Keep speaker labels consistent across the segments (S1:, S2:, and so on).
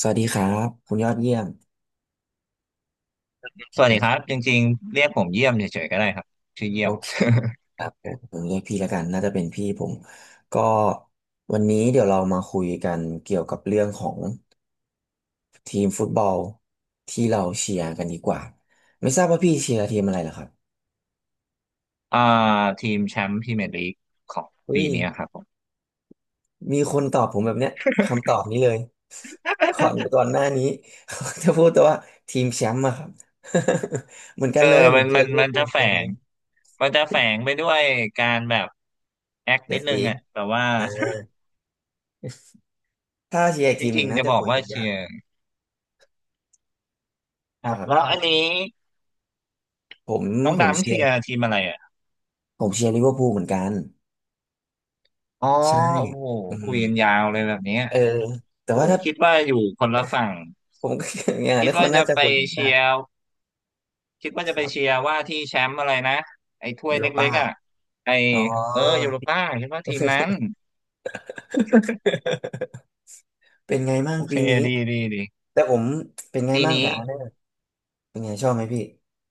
S1: สวัสดีครับคุณยอดเยี่ยม
S2: สวัสดีครับจริงๆเรียกผมเยี่ยมเฉยๆก็ได้ครับชื่อเยี่
S1: โอ
S2: ยม
S1: เคครับผมเรียกพี่แล้วกันน่าจะเป็นพี่ผมก็วันนี้เดี๋ยวเรามาคุยกันเกี่ยวกับเรื่องของทีมฟุตบอลที่เราเชียร์กันดีกว่าไม่ทราบว่าพี่เชียร์ทีมอะไรเหรอครับ
S2: อ่าทีมแชมป์พรีเมียร์ลีกของ
S1: เฮ้
S2: ปี
S1: ย
S2: นี้ครับผม
S1: มีคนตอบผมแบบเนี้ยคำตอบนี้เลยก่อนหน้านี้ จะพูดแต่ว่าทีมแชมป์อะครับ เหมือนกั
S2: เอ
S1: น
S2: อ
S1: เลยผ
S2: มั
S1: ม
S2: น
S1: เชี
S2: มั
S1: ยร์
S2: น
S1: ลิเวอ
S2: มั
S1: ร์
S2: น
S1: พูล
S2: จะ
S1: เหมือ
S2: แฝ
S1: นกันเล
S2: ง
S1: ย
S2: มันจะแฝงไปด้วยการแบบแอค
S1: เจ็
S2: นิ
S1: ด
S2: ดนึ
S1: สี
S2: งอ่ะแต่ว่า
S1: ถ้าเชียร์อีก
S2: จ
S1: ทีมห
S2: ริ
S1: นึ่
S2: ง
S1: ง
S2: ๆ
S1: น่า
S2: จะ
S1: จะ
S2: บอก
S1: คุย
S2: ว่า
S1: กันยา
S2: เชี
S1: ก
S2: ยร์ค
S1: ค
S2: รับ
S1: รั
S2: แล้วอัน
S1: บ
S2: นี้
S1: ผม
S2: น้อง
S1: ผม
S2: ดำ
S1: เชีย
S2: เชีย
S1: ร์
S2: ร์ทีมอะไรอ่ะ
S1: ผมเชียร์ลิเวอร์พูลเหมือนกัน
S2: อ๋อ
S1: ใช่
S2: โอ้โห
S1: อืม
S2: คุยกันยาวเลยแบบเนี้ย
S1: เออแต่
S2: โอ้
S1: ว่า
S2: โห
S1: ถ้า
S2: คิดว่าอยู่คนละฝั่ง
S1: ผมก็ อย่างนั้
S2: คิ
S1: น
S2: ด
S1: ค
S2: ว่า
S1: นน่า
S2: จะ
S1: จะ
S2: ไป
S1: คุยกันได้
S2: เชียร์ คิดว่า
S1: ค
S2: จะไป
S1: รับ
S2: เชียร์ว่าที่แชมป์อะไรนะไอ้ถ้วย
S1: โล
S2: เล็
S1: ป้า
S2: กๆอ่ะไอ้
S1: อ๋
S2: เออยู
S1: อ
S2: โรป้าคิดว่าทีมนั้น
S1: เป็นไงมั่ง
S2: โอเค
S1: ปีนี้
S2: ดีดีดี
S1: แต่ผมเป็นไง
S2: ปี
S1: มั่ง
S2: นี้
S1: กับอาร์เซนอลเป็นไงชอบไหมพี่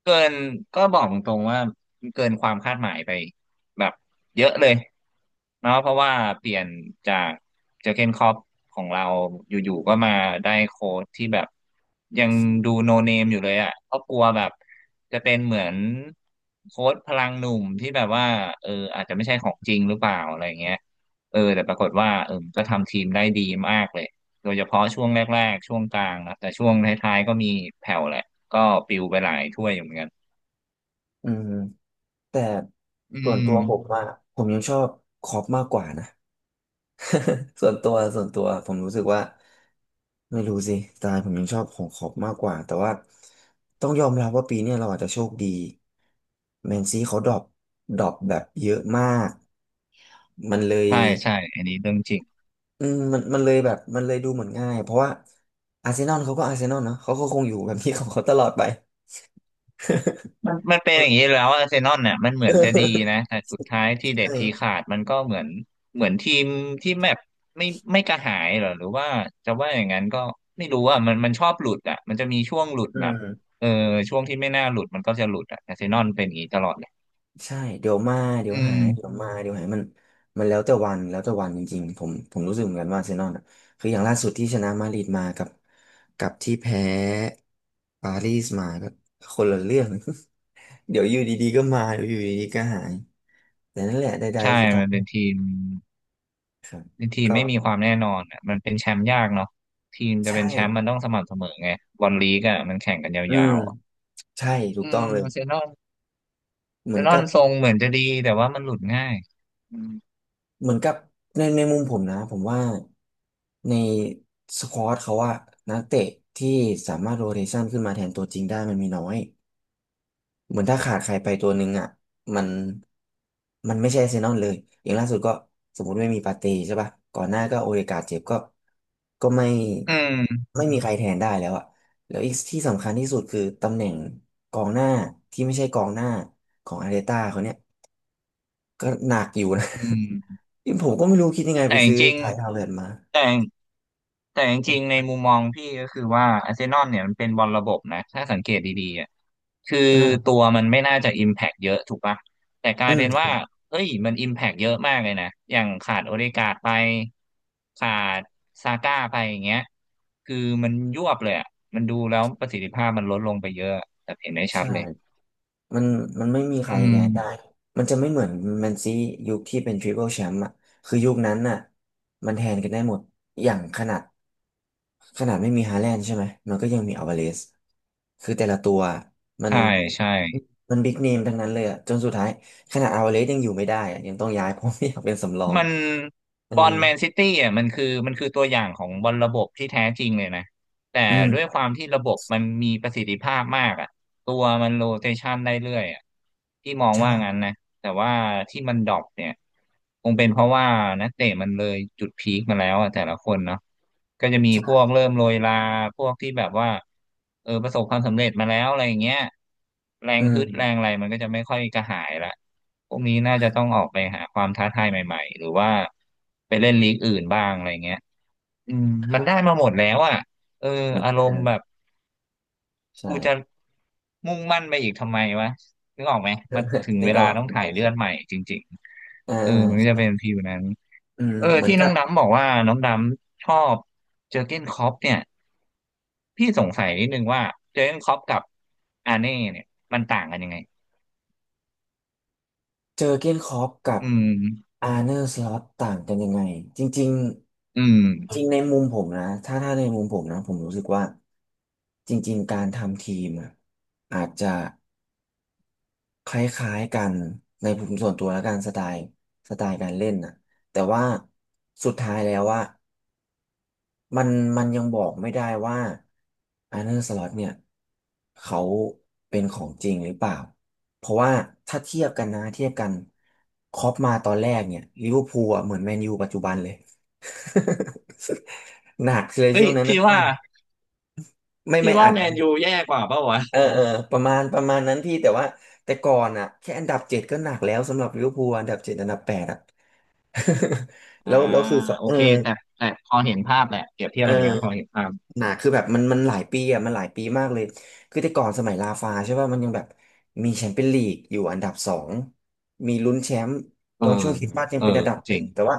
S2: เกินก็บอกตรงๆว่ามันเกินความคาดหมายไปแบบเยอะเลยเนาะเพราะว่าเปลี่ยนจากเจอร์เกนคล็อปของเราอยู่ๆก็มาได้โค้ชที่แบบยังดูโนเนมอยู่เลยอ่ะก็กลัวแบบจะเป็นเหมือนโค้ชพลังหนุ่มที่แบบว่าเอออาจจะไม่ใช่ของจริงหรือเปล่าอะไรเงี้ยเออแต่ปรากฏว่าเออก็ทำทีมได้ดีมากเลยโดยเฉพาะช่วงแรกๆช่วงกลางนะแต่ช่วงท้ายๆก็มีแผ่วแหละ ก็ปิวไปหลายถ้วยอยู่เหมือนกัน
S1: อืมแต่
S2: อื
S1: ส่วน
S2: ม
S1: ตัวผมว่าผมยังชอบคล็อปมากกว่านะ ส่วนตัวผมรู้สึกว่าไม่รู้สิสไตล์ผมยังชอบของขอบมากกว่าแต่ว่าต้องยอมรับว่าปีเนี้ยเราอาจจะโชคดีแมนซีเขาดรอปดรอปแบบเยอะมากมันเลย
S2: ใช่ใช่อันนี้เรื่องจริง
S1: อืมมันเลยแบบมันเลยดูเหมือนง่ายเพราะว่าอาร์เซนอลเขาก็อาร์เซนอลเนาะเขาก็คงอยู่แบบนี้ของเขาตลอดไป
S2: มันเป็นอย่างนี้แล้วอาร์เซนอลเนี่ยมันเหมือนจะดี นะแต่สุดท้ายที่เด็ด
S1: ใช่
S2: ทีขาดมันก็เหมือนเหมือนทีมที่แมปไม่ไม่กระหายเหรอหรือว่าจะว่าอย่างนั้นก็ไม่รู้อ่ะมันชอบหลุดอ่ะมันจะมีช่วงหลุด
S1: อื
S2: แบบ
S1: ม
S2: เออช่วงที่ไม่น่าหลุดมันก็จะหลุดอ่ะอาร์เซนอลเป็นอย่างนี้ตลอดเลย
S1: ใช่เดี๋ยวมาเดี๋ย
S2: อื
S1: วหายเดี๋ยว
S2: ม
S1: มาเดี๋ยวหายมันมันแล้วแต่วันแล้วแต่วันจริงๆผมรู้สึกเหมือนกันว่าอาร์เซนอลอ่ะคืออย่างล่าสุดที่ชนะมาดริดมากับที่แพ้ปารีสมาก็คนละเรื่อง เดี๋ยวอยู่ดีๆก็มาเดี๋ยวอยู่ดีๆก็หายแต่นั่นแหละใด
S2: ใช่
S1: ๆสุดท้า
S2: มั
S1: ย
S2: นเป็นทีม
S1: ครับ
S2: ทีม
S1: ก็
S2: ไม่มีความแน่นอนอ่ะมันเป็นแชมป์ยากเนาะทีม
S1: ใช
S2: จะเป็นแชมป์มั
S1: ่
S2: นต้องสม่ำเสมอไงบอลลีกอ่ะมันแข่งกัน
S1: อื
S2: ยา
S1: ม
S2: วๆอะ
S1: ใช่ถู
S2: อื
S1: กต้อ
S2: ม
S1: งเลย
S2: อาร์เซนอลอาร์
S1: เห
S2: เซ
S1: มือน
S2: นอ
S1: กั
S2: ล
S1: บ
S2: ทรงเหมือนจะดีแต่ว่ามันหลุดง่ายอืม
S1: เหมือนกับในมุมผมนะผมว่าในสควอตเขาว่านักเตะที่สามารถโรเ t ชันขึ้นมาแทนตัวจริงได้มันมีน้อยเหมือนถ้าขาดใครไปตัวหนึ่งอ่ะมันมันไม่ใช่อาร์เซนอลเลยอย่างล่าสุดก็สมมติไม่มีปาเต้ใช่ป่ะก่อนหน้าก็โอเดการ์ดเจ็บก็ก็ไม่
S2: อืม
S1: ไม่มีใครแทนได้แล้วอ่ะแล้วอีกที่สำคัญที่สุดคือตำแหน่งกองหน้าที่ไม่ใช่กองหน้าของอาร์เตต้าเขาเนี่ยก็หนักอยู่นะ
S2: อืม
S1: นี่ผมก็ไม่รู้คิดยังไงไป
S2: แต่จ
S1: ซื้อ
S2: ริง
S1: ขายดาวเรือนมา
S2: ๆแต่แต่จริงๆในมุมมองพี่ก็คือว่าอาร์เซนอลเนี่ยมันเป็นบอลระบบนะถ้าสังเกตดีๆอ่ะคือ
S1: อ่า
S2: ตัวมันไม่น่าจะอิมแพกเยอะถูกปะแต่กลา
S1: อื
S2: ย
S1: ม
S2: เป็นว่าเฮ้ยมันอิมแพกเยอะมากเลยนะอย่างขาดโอเดการ์ดไปขาดซาก้าไปอย่างเงี้ยคือมันยวบเลยอ่ะมันดูแล้วประสิทธิภาพมันลดลงไปเยอะแบบเห็นได้ชัดเลย
S1: ใช่มันมันไม่มีใคร
S2: อื
S1: แทนได้
S2: ม
S1: มันจะไม่เหมือนแมนซียุคที่เป็นทริปเปิลแชมป์อ่ะคือยุคนั้นน่ะมันแทนกันได้หมด อย่างขนาดไม่มีฮาแลนด์ใช่ไหม มันก็ยังมีอัลวาเรซคือแต่ละตัวมัน
S2: ใช่ใช่
S1: มันบิ๊กเนมทั้งนั้นเลยอ่ะจนสุดท้ายขนาดอัลวาเรซยังอยู่ไม่ได้อะยังต้องย้าย เพราะไม่อยากเป็นสำรอง
S2: มัน
S1: อื
S2: บอ
S1: ม
S2: ลแมนซิตี้อ่ะมันคือตัวอย่างของบอลระบบที่แท้จริงเลยนะแต่
S1: อื
S2: ด้วย
S1: ม
S2: ความที่ระบบมันมีประสิทธิภาพมากอ่ะตัวมันโรเตชันได้เรื่อยอ่ะที่มองว่างั้
S1: ใช่
S2: นนะแต่ว่าที่มันดรอปเนี่ยคงเป็นเพราะว่านักเตะมันเลยจุดพีคมาแล้วอ่ะแต่ละคนเนาะก็จะมีพ
S1: ใช่
S2: วกเริ่มโรยลาพวกที่แบบว่าเออประสบความสำเร็จมาแล้วอะไรอย่างเงี้ยแร
S1: อื
S2: งฮึ
S1: ม
S2: ดแรงอะไรมันก็จะไม่ค่อยกระหายละ พวกนี้น่าจะต้องออกไปหาความท้าทายใหม่ๆหรือว่าไปเล่นลีกอื่นบ้างอะไรเงี้ยอืมมันได้มาหมดแล้วอ่ะ เออ
S1: มัน
S2: อาร
S1: เออ
S2: มณ์แบบ
S1: ใช่
S2: กูจะมุ่งมั่นไปอีกทำไมวะนึกออกไหมมันถึง
S1: นึ
S2: เว
S1: กอ
S2: ลา
S1: อก
S2: ต้อง
S1: นึก
S2: ถ่า
S1: อ
S2: ย
S1: อกค
S2: เลือ
S1: รั
S2: ดให
S1: บ
S2: ม่จริง
S1: อ่
S2: ๆเออมันก็จะ
S1: า
S2: เป็นฟีลนั้น
S1: อืม
S2: เออ
S1: เหมือน
S2: ที่น้
S1: กั
S2: อง
S1: บ
S2: ดำบอกว่าน้องดำชอบเจอร์เก้นคล็อปเนี่ยพี่สงสัยนิดนึงว่าเจอร์เก้นคล็อปกับอาเน่เนี่ยมันต่างกันยังไง
S1: เจอเก้นคลอปกับ
S2: อืม
S1: อาร์เนอร์สล็อตต่างกันยังไงจริง
S2: อืม
S1: ๆจริงในมุมผมนะถ้าในมุมผมนะผมรู้สึกว่าจริงๆการทำทีมอะอาจจะคล้ายๆกันในผมส่วนตัวแล้วกันสไตล์การเล่นนะแต่ว่าสุดท้ายแล้วว่า มันมันยังบอกไม่ได้ว่าอันเนอร์สล็อตเนี่ยเขาเป็นของจริงหรือเปล่าเพราะว่าถ้าเทียบกันนะเทียบกันคล็อปมาตอนแรกเนี่ยลิเวอร์พูลอะเหมือนแมนยูปัจจุบันเลย หนักเลย
S2: เฮ้
S1: ช่
S2: ย
S1: วงนั้น
S2: พี่
S1: นะช่ว
S2: ว่า
S1: งนั้นไม่
S2: พี่
S1: ไม่
S2: ว่า
S1: อาจ
S2: แม
S1: จะ
S2: นยูแย่กว่าเปล่าวะ
S1: เออเออประมาณนั้นพี่แต่ว่าแต่ก่อนอ่ะแค่อันดับเจ็ดก็หนักแล้วสำหรับลิเวอร์พูลอันดับเจ็ดอันดับแปดอ่ะ
S2: อ่า
S1: แล้วแล้วคือเขา
S2: โอ
S1: เออ
S2: เคแต่พอเห็นภาพแหละเปรียบเทีย
S1: เอ
S2: บ
S1: อ
S2: อันเนี้ยพอเห็นภาพ
S1: หนาคือแบบมันมันหลายปีอ่ะมันหลายปีมากเลยคือแต่ก่อนสมัยลาฟาใช่ป่ะมันยังแบบมีแชมเปี้ยนลีกอยู่อันดับสองมีลุ้นแชมป์
S2: เอ
S1: ต
S2: อ
S1: อนช่วงคริสต์มาสยั
S2: เอ
S1: ง
S2: อ
S1: เป็นอันดับห
S2: จริ
S1: นึ่
S2: ง
S1: งแต่ว่า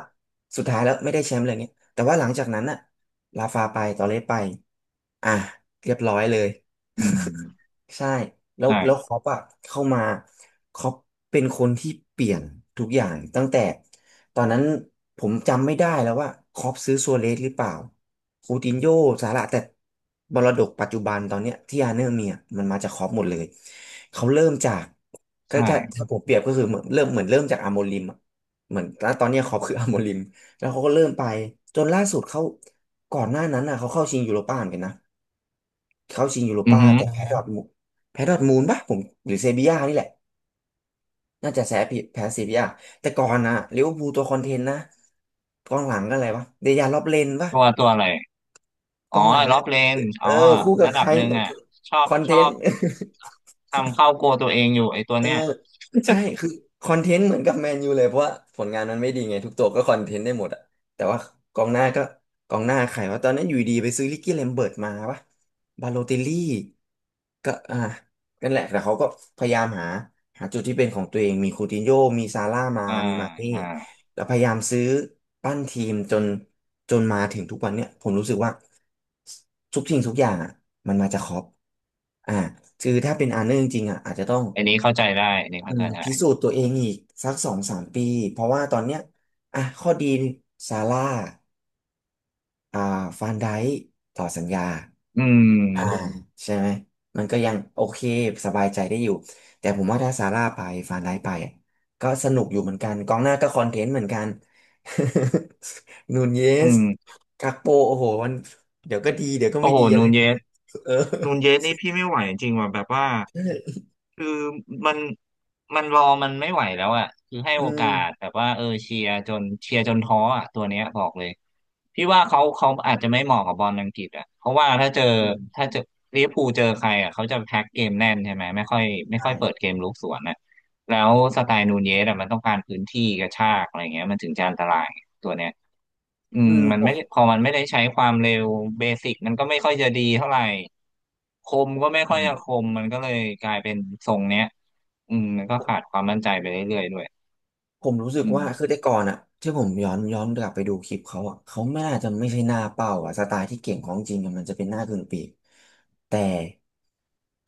S1: สุดท้ายแล้วไม่ได้แชมป์อะไรเงี้ยแต่ว่าหลังจากนั้นน่ะลาฟาไปตอเรสไปอ่ะเรียบร้อยเลย
S2: อืม
S1: ใช่แล้ว
S2: ใช่
S1: แล้วคอปอะเข้ามาคอปเป็นคนที่เปลี่ยนทุกอย่างตั้งแต่ตอนนั้นผมจำไม่ได้แล้วว่าคอปซื้อซัวเรสหรือเปล่าคูตินโญ่ซาร่าแต่มรดกปัจจุบันตอนเนี้ยที่อาร์เนอร์มีอะมันมาจากคอปหมดเลยเขาเริ่มจากก็
S2: ใช่
S1: ถ้าผมเปรียบก็คือเหมือนเริ่มจากอาร์โมลิมอะเหมือนแล้วตอนเนี้ยคอปคืออาร์โมลิมแล้วเขาก็เริ่มไปจนล่าสุดเขาก่อนหน้านั้นน่ะเขาเข้าชิงยูโรป้าเหมือนกันนะ เข้าชิงยูโร
S2: อือ
S1: ป้า
S2: หือ
S1: แต่แพ้ดอร์ทมนด์แพ้ดอร์ทมูลปะผมหรือเซบีย่านี่แหละน่าจะแพ้ผิดแพ้เซบีย่าแต่ก่อนนะลิเวอร์พูลตัวคอนเทนต์นะกองหลังก็อะไรวะเดียร์ล็อบเลนปะ
S2: ตัวตัวอะไร
S1: ก
S2: อ๋อ
S1: องหลัง
S2: ล็
S1: เนี่
S2: อ
S1: ย
S2: บเลน
S1: เอ
S2: อ๋อ
S1: อคู่กับ
S2: ระ
S1: ใค
S2: ดับ
S1: ร
S2: หนึ่ง
S1: เนี่ย
S2: อ่ะชอ
S1: ค
S2: บ
S1: อน
S2: ช
S1: เท
S2: อ
S1: น
S2: บ
S1: ต์
S2: ทำเข้าโกลตัวเองอยู่ไอ้ตัว
S1: เออ
S2: เนี้ย
S1: ใช่คือคอนเทนต์เหมือนกับแมนยูเลยเพราะว่าผลงานมันไม่ดีไงทุกตัวก็คอนเทนต์ได้หมดอะแต่ว่ากองหน้าก็กองหน้าใครว่าตอนนั้นอยู่ดีไปซื้อลิกกี้เลมเบิร์ตมาปะบาโลติลลี่ก็อ่ะนั่นแหละแต่เขาก็พยายามหาหาจุดที่เป็นของตัวเองมีคูตินโญ่มีซาร่ามา
S2: อ่า
S1: มีมาเน่
S2: อ่า
S1: แล้วพยายามซื้อปั้นทีมจนจนมาถึงทุกวันเนี่ยผมรู้สึกว่าทุกสิ่งทุกอย่างอ่ะมันมาจากคล็อปอ่าคือถ้าเป็นอาร์เนอร์จริงๆอ่ะอาจจะต้อง
S2: อันนี้เข้าใจได้อันนี้
S1: อื
S2: เข้าใจ
S1: มพิสู
S2: ได้
S1: จน์ตัวเองอีกสักสองสามปีเพราะว่าตอนเนี้ยอ่ะข้อดีซาร่าอ่าฟานไดค์ต่อสัญญา
S2: อืม
S1: อ่าใช่ไหมมันก็ยังโอเคสบายใจได้อยู่แต่ผมว่าถ้าซาร่าไปฟานไดค์ไปอ่ะก็สนุกอยู่เหมือนกันกองหน้าก็คอนเทนต์เหมือนกัน นูนเย
S2: อื
S1: ส
S2: ม
S1: กักโปโอ้โหมันเดี๋ยวก็ดีเดี๋ยวก็
S2: โอ้
S1: ไม่
S2: โห
S1: ดีอะ
S2: นู
S1: ไรอ
S2: น
S1: ย่าง
S2: เย
S1: งี้
S2: ส
S1: เออ
S2: นูนเยสนี่พี่ไม่ไหวจริงว่ะแบบว่าคือมันมันรอมันไม่ไหวแล้วอ่ะคือให้
S1: อื
S2: โอ
S1: ม
S2: กาสแบบว่าเออเชียร์จนเชียร์จนท้ออ่ะตัวเนี้ยบอกเลยพี่ว่าเขาอาจจะไม่เหมาะกับบอลอังกฤษอ่ะเพราะว่าถ้าเจอ
S1: อื
S2: ถ้า
S1: ม
S2: เจอลิเวอร์พูลเจอใครอ่ะเขาจะแพ็คเกมแน่นใช่ไหมไม่ค่อยไม่
S1: ใช่
S2: ค่อยเปิดเกมลุกสวนนะแล้วสไตล์นูนเยสอ่ะมันต้องการพื้นที่กระชากอะไรเงี้ยมันถึงจะอันตรายตัวเนี้ย
S1: อืม
S2: มัน
S1: ผ
S2: ไม่
S1: ม
S2: ได้พอมันไม่ได้ใช้ความเร็วเบสิกมันก็ไม่ค่อยจะดีเท่าไหร่คมก็ไม่
S1: อื
S2: ค่อย
S1: ม
S2: จะคมมันก็เลยกลายเป็นทรงเนี้ยมันก็ขาดความมั่นใจไปเรื่อยๆด้วย
S1: ผมรู้สึก
S2: อืม
S1: ว่าคือแต่ก่อนอะที่ผมย้อนกลับไปดูคลิปเขาอะเขาไม่น่าจะไม่ใช่หน้าเป้าอะสไตล์ที่เก่งของจริงอะมันจะเป็นหน้ากึ่งปีกแต่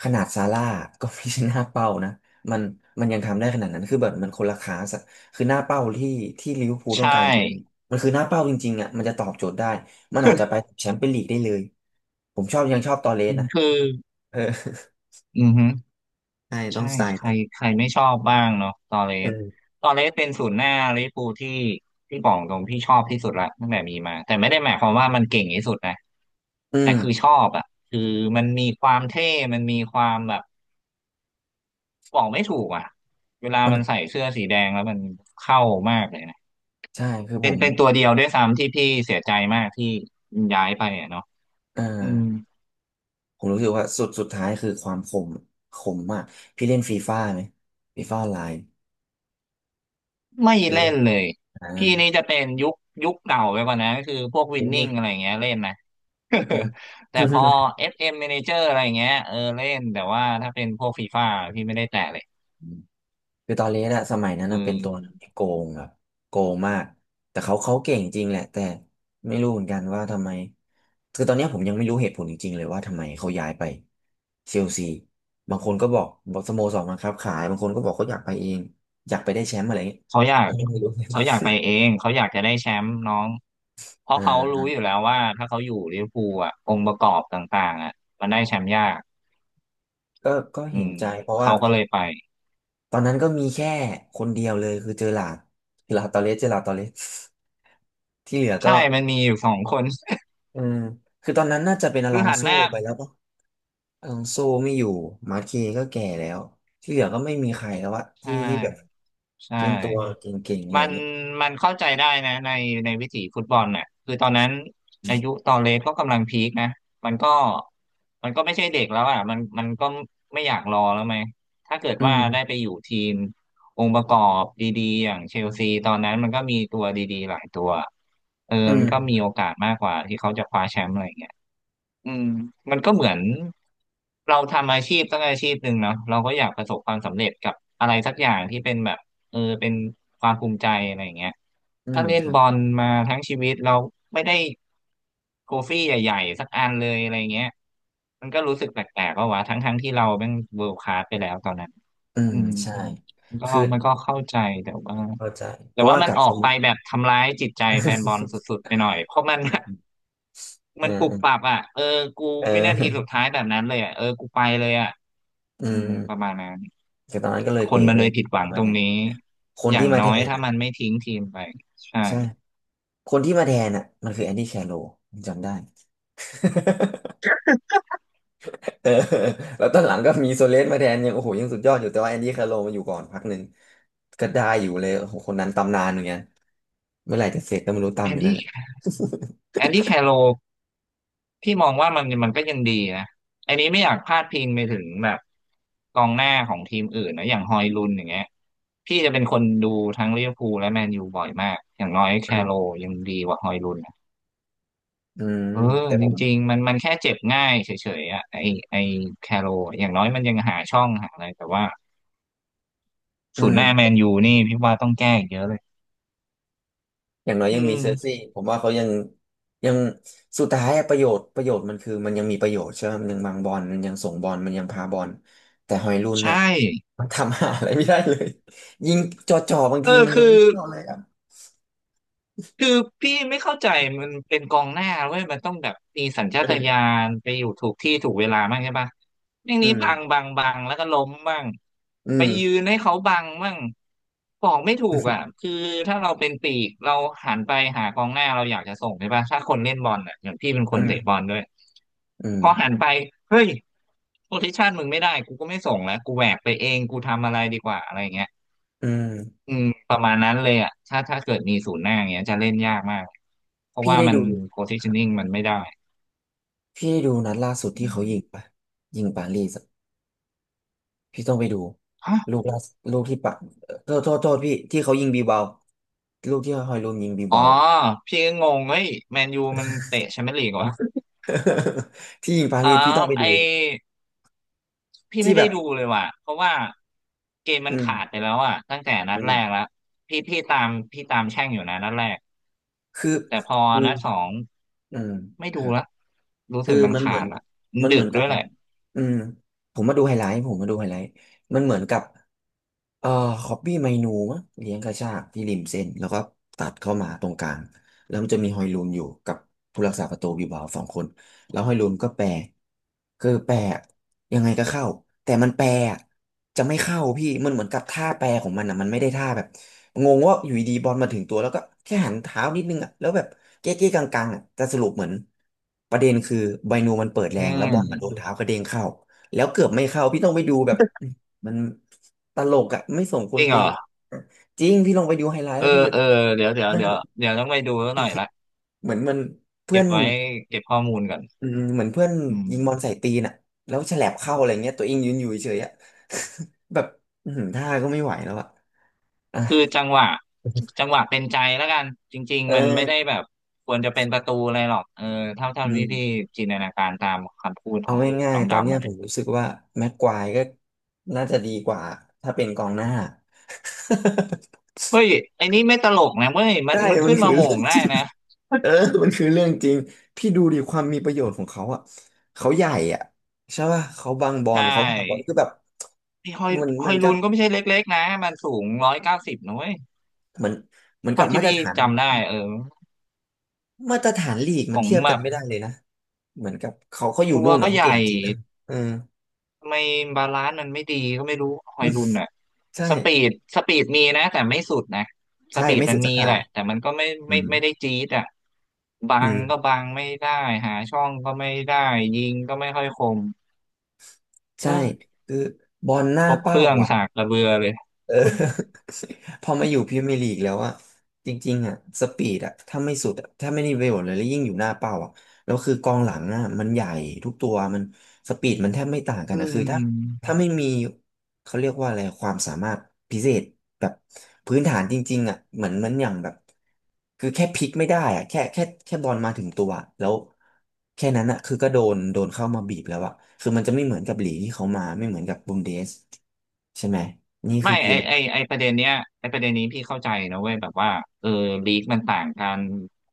S1: ขนาดซาร่าก็ไม่ใช่หน้าเป้านะมันมันยังทำได้ขนาดนั้นคือแบบมันคนละคลาสอะคือหน้าเป้าที่ที่ลิเวอร์พูลต้อ
S2: ใช่
S1: งการคือมันคือหน้าเป้าจริงๆอะมันจะตอบโจทย์ได้มันอาจจะไปแชมเปี้ยนลีกได้เลยผมชอบยังชอบตอเร
S2: อื
S1: ส
S2: ม
S1: นะ
S2: คือ
S1: เออ
S2: อือฮึ
S1: ใช่ต้อ
S2: ใช่
S1: งสไตล์
S2: ใคร
S1: นั้น
S2: ใครไม่ชอบบ้างเนาะตอเร
S1: เอ
S2: ส
S1: อ
S2: ตอเรสเป็นศูนย์หน้าลิเวอร์พูลที่บอกตรงพี่ชอบที่สุดละตั้งแต่มีมาแต่ไม่ได้หมายความว่ามันเก่งที่สุดนะ
S1: อื
S2: แต่
S1: ม
S2: คือชอบอ่ะคือมันมีความเท่มันมีความแบบ บอกไม่ถูกอ่ะเวลา
S1: มัน
S2: มันใส่เสื้อสีแดงแล้วมันเข้ามากเลยนะ
S1: ใช่คือผ
S2: เป็น
S1: ม
S2: เป็นตัวเดียวด้วยซ้ำที่พี่เสียใจมากที่ย้ายไปอ่ะเนาะ
S1: อ่
S2: อืม
S1: า ผมรู้สึกว่าสุดท้ายคือความคมคมมากพี่เล่นฟีฟ่าไหมฟีฟ่าออนไลน์
S2: ไม่
S1: เคย
S2: เล่
S1: เล่น
S2: นเลย
S1: อ่า
S2: พี่นี่จะเป็นยุคเก่าไปกว่านะก็คือพวกวิ
S1: เป็
S2: น
S1: น
S2: นิ่
S1: เด็
S2: ง
S1: ก
S2: อะไรอย่างเงี้ยเล่นนะ
S1: อืม
S2: แต่พอ FM Manager อะไรอย่างเงี้ยเออเล่นแต่ว่าถ้าเป็นพวกฟีฟ่าพี่ไม่ได้แตะเลย
S1: อืมคือตอนเล่นอะสมัยนั้น
S2: อื
S1: นะเป็นตัว
S2: ม
S1: ที่โกงครบโกงมากแต่เขาเขาเก่งจริงแหละแต่ไม่รู้เหมือนกันว่าทำไมคือตอนเนี้ยผมยังไม่รู้เหตุผลจริงๆเลยว่าทำไมเขาย้ายไปเชลซีบางคนก็บอกบอกสโมสรบังคับขายบางคนก็บอกเขาอยากไปเองอยากไปได้แชมป์อะไรอย่างเงี้ย
S2: เขาอยา
S1: ผ
S2: ก
S1: มยังไม่รู้
S2: เขาอยากไปเอ งเขาอยากจะได้แชมป์น้องเพ
S1: อ
S2: ราะเขารู้
S1: ่า
S2: อยู่แล้วว่าถ้าเขาอยู่ลิเวอร์พูลอ่ะองค์ประกอบต่างๆอ่ะมันได้แชมป์ยาก
S1: ก็ก็
S2: อื
S1: เห็น
S2: ม
S1: ใจเพราะว่า
S2: เขาก็เลยไป
S1: ตอนนั้นก็มีแค่คนเดียวเลยคือเจอหลาดเจอหลาดตอเลสเจอหลาดตอเลส ที่เหลือก็
S2: ใช่มันมีอยู่สองคน
S1: อืมคือตอนนั้นน่าจะเป็นอ
S2: คื
S1: ล
S2: อ
S1: อง
S2: หัน
S1: โซ
S2: หน้า
S1: ไปแล้วปะอลองโซไม่อยู่มาร์เคก็แก่แล้วที่เหลือก็ไม่มีใครแล้วอะ
S2: ใช่
S1: ที่ที่แบบ
S2: ใช่
S1: เป็นตัวเก่งๆอะไร
S2: มั
S1: อย่า
S2: น
S1: งเงี้ย
S2: มันเข้าใจได้นะในวิถีฟุตบอลน่ะคือตอนนั้นอายุตอนเล็กก็กำลังพีคนะมันก็มันก็ไม่ใช่เด็กแล้วอ่ะมันก็ไม่อยากรอแล้วไหมถ้าเกิด
S1: อื
S2: ว่าได้
S1: ม
S2: ไปอยู่ทีมองค์ประกอบดีๆอย่างเชลซีตอนนั้นมันก็มีตัวดีๆหลายตัวเออ
S1: อื
S2: มันก็มี
S1: ม
S2: โอกาสมากกว่าที่เขาจะคว้าแชมป์อะไรอย่างเงี้ย อืมมันก็เหมือนเราทำอาชีพสักอาชีพหนึ่งเนาะเราก็อยากประสบความสำเร็จกับอะไรสักอย่างที่เป็นแบบเออเป็นความภูมิใจอะไรอย่างเงี้ย
S1: อื
S2: ถ้า
S1: ม
S2: เล่
S1: ค
S2: น
S1: รั
S2: บอ
S1: บ
S2: ลมาทั้งชีวิตเราไม่ได้โทฟี่ใหญ่ๆสักอันเลยอะไรเงี้ยมันก็รู้สึกแปลกๆว่าวะทั้งๆที่เราเป็นเวิลด์คลาสไปแล้วตอนนั้น
S1: อืม
S2: อืม
S1: ใช่
S2: มันก็
S1: คือ
S2: มันก็เข้าใจแต่ว่า
S1: เข้าใจเพราะว่า
S2: มั
S1: ก
S2: น
S1: ลับ
S2: ออ
S1: ส
S2: ก
S1: มุ
S2: ไป
S1: ทร
S2: แบบทำร้ายจิตใจแฟนบอลสุด ๆไปหน่อยเพราะมัน
S1: เอ
S2: มันปุบปั
S1: อ
S2: บอ่ะเออกู
S1: เ
S2: วินาทีสุด
S1: ออ
S2: ท้ายแบบนั้นเลยอ่ะเออกูไปเลยอ่ะ
S1: อื
S2: อืม
S1: ม
S2: ประมาณนั้น
S1: คือตอนนั้นก็เลย
S2: ค
S1: เป๋
S2: นมั
S1: ไป
S2: นเล
S1: เล
S2: ย
S1: ย
S2: ผิดห
S1: ป
S2: วัง
S1: ระมา
S2: ต
S1: ณ
S2: รง
S1: นั้น
S2: นี้
S1: คน
S2: อย่า
S1: ที่
S2: ง
S1: มา
S2: น้
S1: แท
S2: อย
S1: น
S2: ถ้า
S1: อะ
S2: มันไม่ทิ้งทีมไปใช่
S1: ใช่ คนที่มาแทนอ่ะมันคือแอนดี้แคโรลผมจำได้ เออแล้วตอนหลังก็มีโซเลสมาแทนยังโอ้โหยังสุดยอดอยู่แต่ว่าแอนดี้แคโรลมาอยู่ก่อนพักหนึ่งก็ได้อยู่เลยโอ้โหคนนั้นตำนานเหมือนกันเมื่อไหร่จะเสร็จก็ไม่รู้ตาม
S2: แอ
S1: อ
S2: น
S1: ยู่นั่น
S2: ดี้
S1: แหละ
S2: แอนดี้แคโรพี่มองว่ามันก็ยังดีนะอันนี้ไม่อยากพาดพิงไปถึงแบบกองหน้าของทีมอื่นนะอย่างฮอยลุนอย่างเงี้ยพี่จะเป็นคนดูทั้งลิเวอร์พูลและแมนยูบ่อยมากอย่างน้อยแค
S1: อื
S2: โร
S1: ม
S2: ยังดีกว่าฮอยลุน
S1: อืม
S2: เออ
S1: แต่ผ
S2: จ
S1: ม
S2: ริงๆมันแค่เจ็บง่ายเฉยๆอ่ะไอแคโรอย่างน้อยมันยังหาช่องหาอะไรแต่ว่า
S1: อื
S2: ศูนย์หน้าแม
S1: ม
S2: นยูนี่พี่ว่าต้องแก้อีกเยอะเลย
S1: อย่างน้อย
S2: อื
S1: ยังมีเซอร์
S2: ม
S1: ซี่ผมว่าเขายังยังสุดท้ายอะประโยชน์ประโยชน์มันคือมันยังมีประโยชน์ใช่ไหมมันยังบังบอลมันยังส่งบอลมันยังพาบอลแต่ฮอยลุนน่ะ
S2: ใช่
S1: มันทำหาอะไรไม่ได้เลยยิงจ่อๆบาง
S2: เอ
S1: ที
S2: อ
S1: มัน
S2: คื
S1: ยั
S2: อ
S1: งไม่เข้าเลยอะ
S2: คือพี่ไม่เข้าใจมันเป็นกองหน้าเว้ยมันต้องแบบมีสัญชา
S1: อื
S2: ตญา
S1: ม
S2: ณไปอยู่ถูกที่ถูกเวลามากใช่ปะอย่าง
S1: อื
S2: นี้บัง
S1: ม
S2: บังบังแล้วก็ล้มบ้าง
S1: อื
S2: ไป
S1: ม
S2: ยืนให้เขาบังบ้างบอกไม่ถูกอ่ะคือถ้าเราเป็นปีกเราหันไปหากองหน้าเราอยากจะส่งใช่ปะถ้าคนเล่นบอลอ่ะอย่างพี่เป็นคนเตะบอลด้วย
S1: อืม
S2: พอหันไปเฮ้ยโพซิชันมึงไม่ได้กูก็ไม่ส่งแล้วกูแหวกไปเองกูทำอะไรดีกว่าอะไรอย่างเงี้ย
S1: อืม
S2: อืมประมาณนั้นเลยอ่ะถ้าเกิดมีศูนย์หน้าอย่างเงี้ยจะเล่นยากมากเพราะ
S1: พี่
S2: ว่า
S1: ได้
S2: มัน
S1: ดูครับ
S2: positioning มันไม่ได้
S1: พี่ได้ดูนัดล่าสุด
S2: อื
S1: ที่เขา
S2: ม
S1: ยิงปะยิงปารีสอะพี่ต้องไปดู
S2: ฮะ
S1: ลูกล่าสุดลูกที่ปะโทษโทษโทษพี่ที่เขายิงบีเบาลูกที่ฮอยลุนยิงบี
S2: อ๋อ
S1: เบาอ่ะ
S2: พี่ก็งงเฮ้ยแมนยูมันเตะแชมเปี้ยนลีกเหรอ
S1: ที่ยิงปา
S2: อ๋อ
S1: รีสพี่ต้องไป
S2: ไอ
S1: ดู
S2: พี่
S1: ที่
S2: ไม่
S1: แบ
S2: ได้
S1: บ
S2: ดูเลยว่ะเพราะว่าเกมมั
S1: อื
S2: นขาดไป
S1: ม
S2: แล้วอ่ะตั้งแต่นั
S1: อื
S2: ดแรก
S1: ม
S2: แล้วพี่ตามตามแช่งอยู่นะนัดแรก
S1: คือ
S2: แต่พอ
S1: คือ
S2: นัดสอง
S1: อืม
S2: ไม่
S1: ค
S2: ดู
S1: รับ
S2: ละรู้
S1: คื
S2: สึ
S1: อ
S2: กมัน
S1: มันเหมื
S2: ขา
S1: อ
S2: ด
S1: น
S2: ละมัน
S1: มันเห
S2: ดึ
S1: มือ
S2: ก
S1: นกั
S2: ด้
S1: บ
S2: วยแหละ
S1: อืมผมมาดูไฮไลท์ผมมาดูไฮไลท์มันเหมือนกับเอ่อคอปปี้ไมนูมั้งเลี้ยงกระชากที่ริมเส้นแล้วก็ตัดเข้ามาตรงกลางแล้วมันจะมีฮอยลูนอยู่กับผู้รักษาประตูบิลบาโอสองคน แล้วห้อยลูนก็แปลคือแปรยังไงก็เข้าแต่มันแปลอะจะไม่เข้าพี่มันเหมือนกับท่าแปลของมันอ่ะมันไม่ได้ท่าแบบงงว่าอยู่ดีๆบอลมาถึงตัวแล้วก็แค่หันเท้านิดนึงอ่ะแล้วแบบเก๊ะๆกังๆอ่ะแต่สรุปเหมือนประเด็นคือไบนูมันเปิดแร
S2: อื
S1: งแล้วบอลมา
S2: ม
S1: โดนเท้ากระเด้งเข้าแล้วเกือบไม่เข้าพี่ต้องไปดูแบบมันตลกอ่ะไม่สมคว
S2: จ
S1: ร
S2: ริงเห
S1: เป็
S2: ร
S1: น
S2: อ
S1: จริงพี่ลองไปดูไฮไลท์
S2: เอ
S1: แล้
S2: อ
S1: วพี่จะ
S2: เอ
S1: แบ
S2: อ
S1: บ
S2: เดี๋ยวเดี๋ยว
S1: มัน
S2: เดี๋ย
S1: เห
S2: ว
S1: มือน
S2: เดี๋ยวต้องไปดูแล้วหน่อยละ
S1: เหมือนมันเพื่
S2: เก็
S1: อ
S2: บ
S1: น
S2: ไว้เก็บข้อมูลก่อน
S1: อืมเหมือนเพื่อน
S2: อืม
S1: ยิงบอลใส่ตีนอ่ะแล้วแฉลบเข้าอะไรเงี้ยตัวเองยืนอยู่เฉยๆอ่ะ แบบอื้อหือท่าก็ไม่ไหวแล้วอ่ะอ่ะ
S2: คือจังหวะจั งหวะเป็นใจแล้วกัน จริง
S1: เออ
S2: ๆมันไม่ได้แบบควรจะเป็นประตูอะไรหรอกเออเท่าเท่า
S1: อืม
S2: ที่พี่จินตนาการตามคำพูด
S1: เอา
S2: ของ
S1: ง่าย
S2: น้อง
S1: ๆตอนเนี้
S2: ดำ
S1: ย
S2: อะ
S1: ผ
S2: นะ
S1: มรู้สึกว่าแม็กควายก็น่าจะดีกว่าถ้าเป็นกองหน้า
S2: เฮ้ยไอ้นี่ไม่ตลกนะเว้ย มั
S1: ได้
S2: นมัน
S1: มัน
S2: ขึ้น
S1: คือ
S2: มาโหม่
S1: เรื่อ
S2: ง
S1: งจ
S2: ได้
S1: ริง
S2: นะ
S1: เออมันคือเรื่องจริงพี่ดูดิความมีประโยชน์ของเขาอ่ะเขาใหญ่อ่ะใช่ป่ะเขาบังบอ
S2: ใช
S1: ลเขาพาบอล
S2: ่
S1: คือแบบ
S2: นี่ฮอย
S1: มัน
S2: ฮ
S1: มั
S2: อ
S1: น
S2: ย
S1: ก็
S2: ลูนก็ไม่ใช่เล็กๆนะ มันสูง190นะเว้ย
S1: เหมือนเหมือนกั
S2: เท่า
S1: บ
S2: ที่
S1: มาตร
S2: พี่
S1: ฐาน
S2: จำได้เออ
S1: มาตรฐานลีก
S2: ข
S1: มัน
S2: อง
S1: เทียบ
S2: แบ
S1: กัน
S2: บ
S1: ไม่ได้เลยนะเหมือนกับเขาอยู่
S2: ตัว
S1: นู่น
S2: ก็
S1: เนาะ
S2: ให
S1: เขา
S2: ญ่
S1: เก่งจริงนะเออ
S2: ทำไมบาลานซ์มันไม่ดีก็ไม่รู้ฮอยลุนอ่ะ
S1: ใช่
S2: สปีดสปีดมีนะแต่ไม่สุดนะส
S1: ใช่
S2: ปีด
S1: ไม่
S2: มั
S1: สุ
S2: น
S1: ดสั
S2: มี
S1: กทา
S2: แห
S1: ง
S2: ละแต่มันก็
S1: อืม
S2: ไม่ได้จี๊ดอ่ะบั
S1: อื
S2: งก็
S1: ม
S2: บังไม่ได้หาช่องก็ไม่ได้ยิงก็ไม่ค่อยคมเอ
S1: ใช่
S2: อ
S1: คือบอลห
S2: ค
S1: น้า
S2: รบเค
S1: เป้า
S2: รื่อง
S1: อ่ะ
S2: สากกระเบือเลย
S1: เออ พอมาอยู่พรีเมียร์ลีกแล้วอ่ะจริงๆอ่ะสปีดอ่ะถ้าไม่สุดอะถ้าไม่ได้ประโยชน์เลยแล้วยิ่งอยู่หน้าเป้าอ่ะแล้วคือกองหลังอ่ะมันใหญ่ทุกตัวมันสปีดมันแทบไม่ต่างกัน
S2: อื
S1: นะคือถ้า
S2: ม
S1: ถ้าไม่มีเขาเรียกว่าอะไรความสามารถพิเศษแบบพื้นฐานจริงๆอ่ะเหมือนมันอย่างแบบคือแค่พลิกไม่ได้อ่ะแค่บอลมาถึงตัวอะแล้วแค่นั้นอ่ะคือก็โดนเข้ามาบีบแล้วอ่ะคือมันจะไม่เหมือนกับลีกที่เขามาไม่เหมือนกับบุนเดสใช่ไหมนี่คื
S2: ไม่
S1: อเพี
S2: ไอ
S1: ยง
S2: ไอไอประเด็นเนี้ยไอประเด็นนี้พี่เข้าใจนะเว้ยแบบว่าเออลีกมันต่างกัน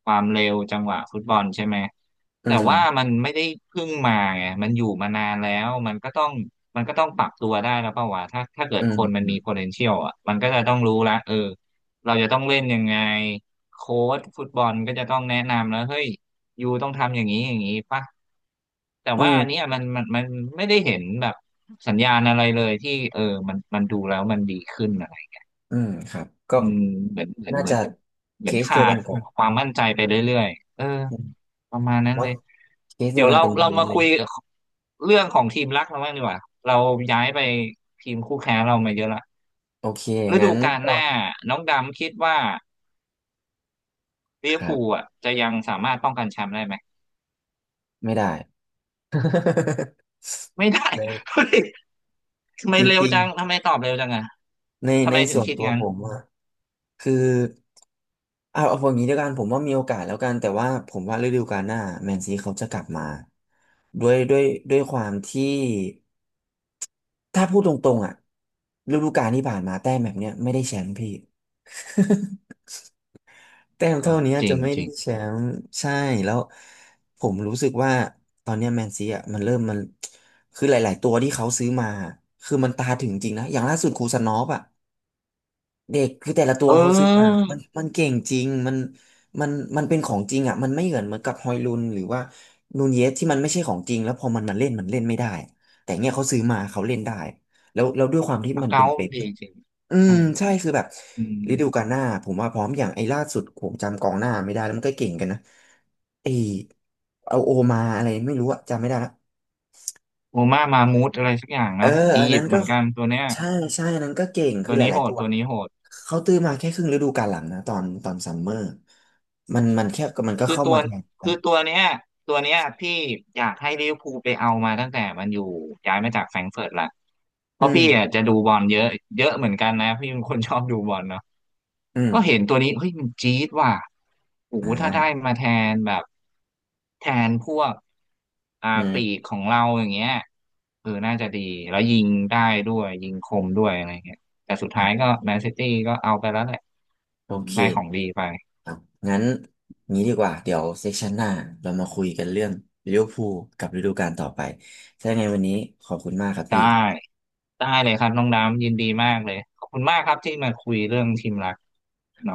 S2: ความเร็วจังหวะฟุตบอลใช่ไหม
S1: อื
S2: แต่
S1: ม
S2: ว่ามันไม่ได้เพิ่งมาไงมันอยู่มานานแล้วมันก็ต้องปรับตัวได้แล้วเปล่าวะถ้าเกิด
S1: อืม
S2: คนมัน
S1: อืม
S2: มี potential อ่ะมันก็จะต้องรู้ละเออเราจะต้องเล่นยังไงโค้ชฟุตบอลก็จะต้องแนะนำแล้วเฮ้ยยูต้องทำอย่างนี้อย่างนี้ป่ะแต่
S1: อื
S2: ว่าอันเนี้ย
S1: ม
S2: มันไม่ได้เห็นแบบ สัญญาณอะไรเลยที่เออมันดูแล้วมันดีขึ้นอะไร
S1: อืมครับก็
S2: อืมเหมือนเหมือน
S1: น่า
S2: เหมือ
S1: จะ
S2: นเห
S1: เค
S2: มือน
S1: สเดี
S2: ขา
S1: ยวกั
S2: ด
S1: นกับ
S2: ความมั่นใจไปเรื่อยๆเออ
S1: อืม
S2: ประมาณนั้น
S1: ว่า
S2: เลย
S1: เคสเดี
S2: เดี๋
S1: ย
S2: ย
S1: ว
S2: ว
S1: กัน
S2: เรา
S1: กัน
S2: เรามา
S1: เล
S2: คุ
S1: ย
S2: ยเรื่องของทีมรักเราบ้างดีกว่าเราย้ายไปทีมคู่แข่งเรามาเยอะละ
S1: โอเค
S2: ฤ
S1: งั้
S2: ดู
S1: น
S2: กาล
S1: ก็
S2: หน้าน้องดำคิดว่าลิ
S1: ค
S2: เวอร์
S1: รั
S2: พูล
S1: บ
S2: อ่ะจะยังสามารถป้องกันแชมป์ได้ไหม
S1: ไม่ได้
S2: ไม่ได้
S1: ใน
S2: เฮ้ยทำไม
S1: จ
S2: เร็ว
S1: ริง
S2: จังทำไมตอบเร็วจังอ่ะ
S1: ๆใน
S2: ทำ
S1: ใน
S2: ไมถึ
S1: ส่
S2: ง
S1: วน
S2: คิด
S1: ตัว
S2: งั้น
S1: ผมอะคือเอาอย่างนี้ด้วยกันผมว่ามีโอกาสแล้วกันแต่ว่าผมว่าฤดูกาลหน้าแมนซีเขาจะกลับมาด้วยด้วยด้วยความที่ถ้าพูดตรงๆอ่ะฤดูกาลที่ผ่านมาแต้มแบบเนี้ยไม่ได้แชมป์พี่ แต้ม
S2: เอ
S1: เท่า
S2: อ
S1: นี้
S2: จริ
S1: จะ
S2: ง
S1: ไม่
S2: จ
S1: ได้
S2: ริง
S1: แชมป์ใช่แล้วผมรู้สึกว่าตอนเนี้แมนซีอ่ะมันเริ่มมันคือหลายๆตัวที่เขาซื้อมาคือมันตาถึงจริงนะอย่างล่าสุดคูซานอฟอ่ะเด็กคือแต่ละตั
S2: เ
S1: วเขาซื้อมา
S2: ออ
S1: มันเก่งจริงมันมันเป็นของจริงอ่ะมันไม่เหมือนกับฮอยลุนหรือว่านูนเยสที่มันไม่ใช่ของจริงแล้วพอมันมาเล่นมันเล่นไม่ได้แต่เนี่ยเขาซื้อมาเขาเล่นได้แล้วด้วยความที่
S2: ส
S1: มันเป็
S2: เกา
S1: นเป๊
S2: ต์
S1: ป
S2: ดีจริง
S1: อื
S2: ๆ
S1: ม
S2: ใช่
S1: ใช่คือแบบ
S2: อื
S1: ฤดูกา
S2: ม
S1: ลหน้าผมว่าพร้อมอย่างไอ้ล่าสุดผมจำกองหน้าไม่ได้แล้วมันก็เก่งกันนะไอ้เอาโอมาอะไรไม่รู้อะจำไม่ได้ละ
S2: โอมามามูดอะไรสักอย่าง
S1: เออ
S2: เนาะ
S1: อ
S2: อี
S1: อัน
S2: ยิ
S1: นั้
S2: ป
S1: น
S2: ต์เห
S1: ก็
S2: มือนกันตัวเนี้ย
S1: ใช่ใช่อันนั้นก็เก่งคื
S2: ตั
S1: อ
S2: ว
S1: ห
S2: นี้
S1: ลา
S2: โห
S1: ยๆ
S2: ด
S1: ตัว
S2: ตัวนี้โหด
S1: เขาตื้อมาแค่ครึ่งฤดูกาลหลังนะตอนซัมเมอร์มันมันแค่มันก็
S2: คือ
S1: เข้า
S2: ตัว
S1: มาแทนแล้
S2: คือ
S1: ว
S2: ตัวเนี้ยตัวเนี้ยพี่อยากให้ลิเวอร์พูลไปเอามาตั้งแต่มันอยู่ย้ายมาจากแฟรงก์เฟิร์ตละเพ
S1: อื
S2: ราะ
S1: ม
S2: พี่อ่ะจะดูบอลเยอะเยอะเหมือนกันนะพี่เป็นคนชอบดูบอลเนาะ
S1: อืม
S2: ก็เห็นตัวนี้เฮ้ยมันจี๊ดว่ะโอ้
S1: อ่า
S2: โหถ้าได้มาแทนแบบแทนพวกอ่า
S1: อื
S2: ปี
S1: ม
S2: กของเราอย่างเงี้ยเออน่าจะดีแล้วยิงได้ด้วยยิงคมด้วยอะไรเงี้ยแต่สุดท้ายก็
S1: อ่ะ
S2: แมนซิตี้ก็เอาไปแล้วแหละ
S1: โอ
S2: อืม
S1: เค
S2: ได้ของดีไป
S1: ครับงั้นงี้ดีกว่าเดี๋ยวเซสชันหน้าเรามาคุยกันเรื่องลิเวอร์พูลกับฤดูกาลต่อไปถ้ายังไงวันนี้ขอบคุณมากครับ
S2: ได้
S1: พี่
S2: ได้เลยครับน้องดามยินดีมากเลยขอบคุณมากครับที่มาคุยเรื่องทีมรัก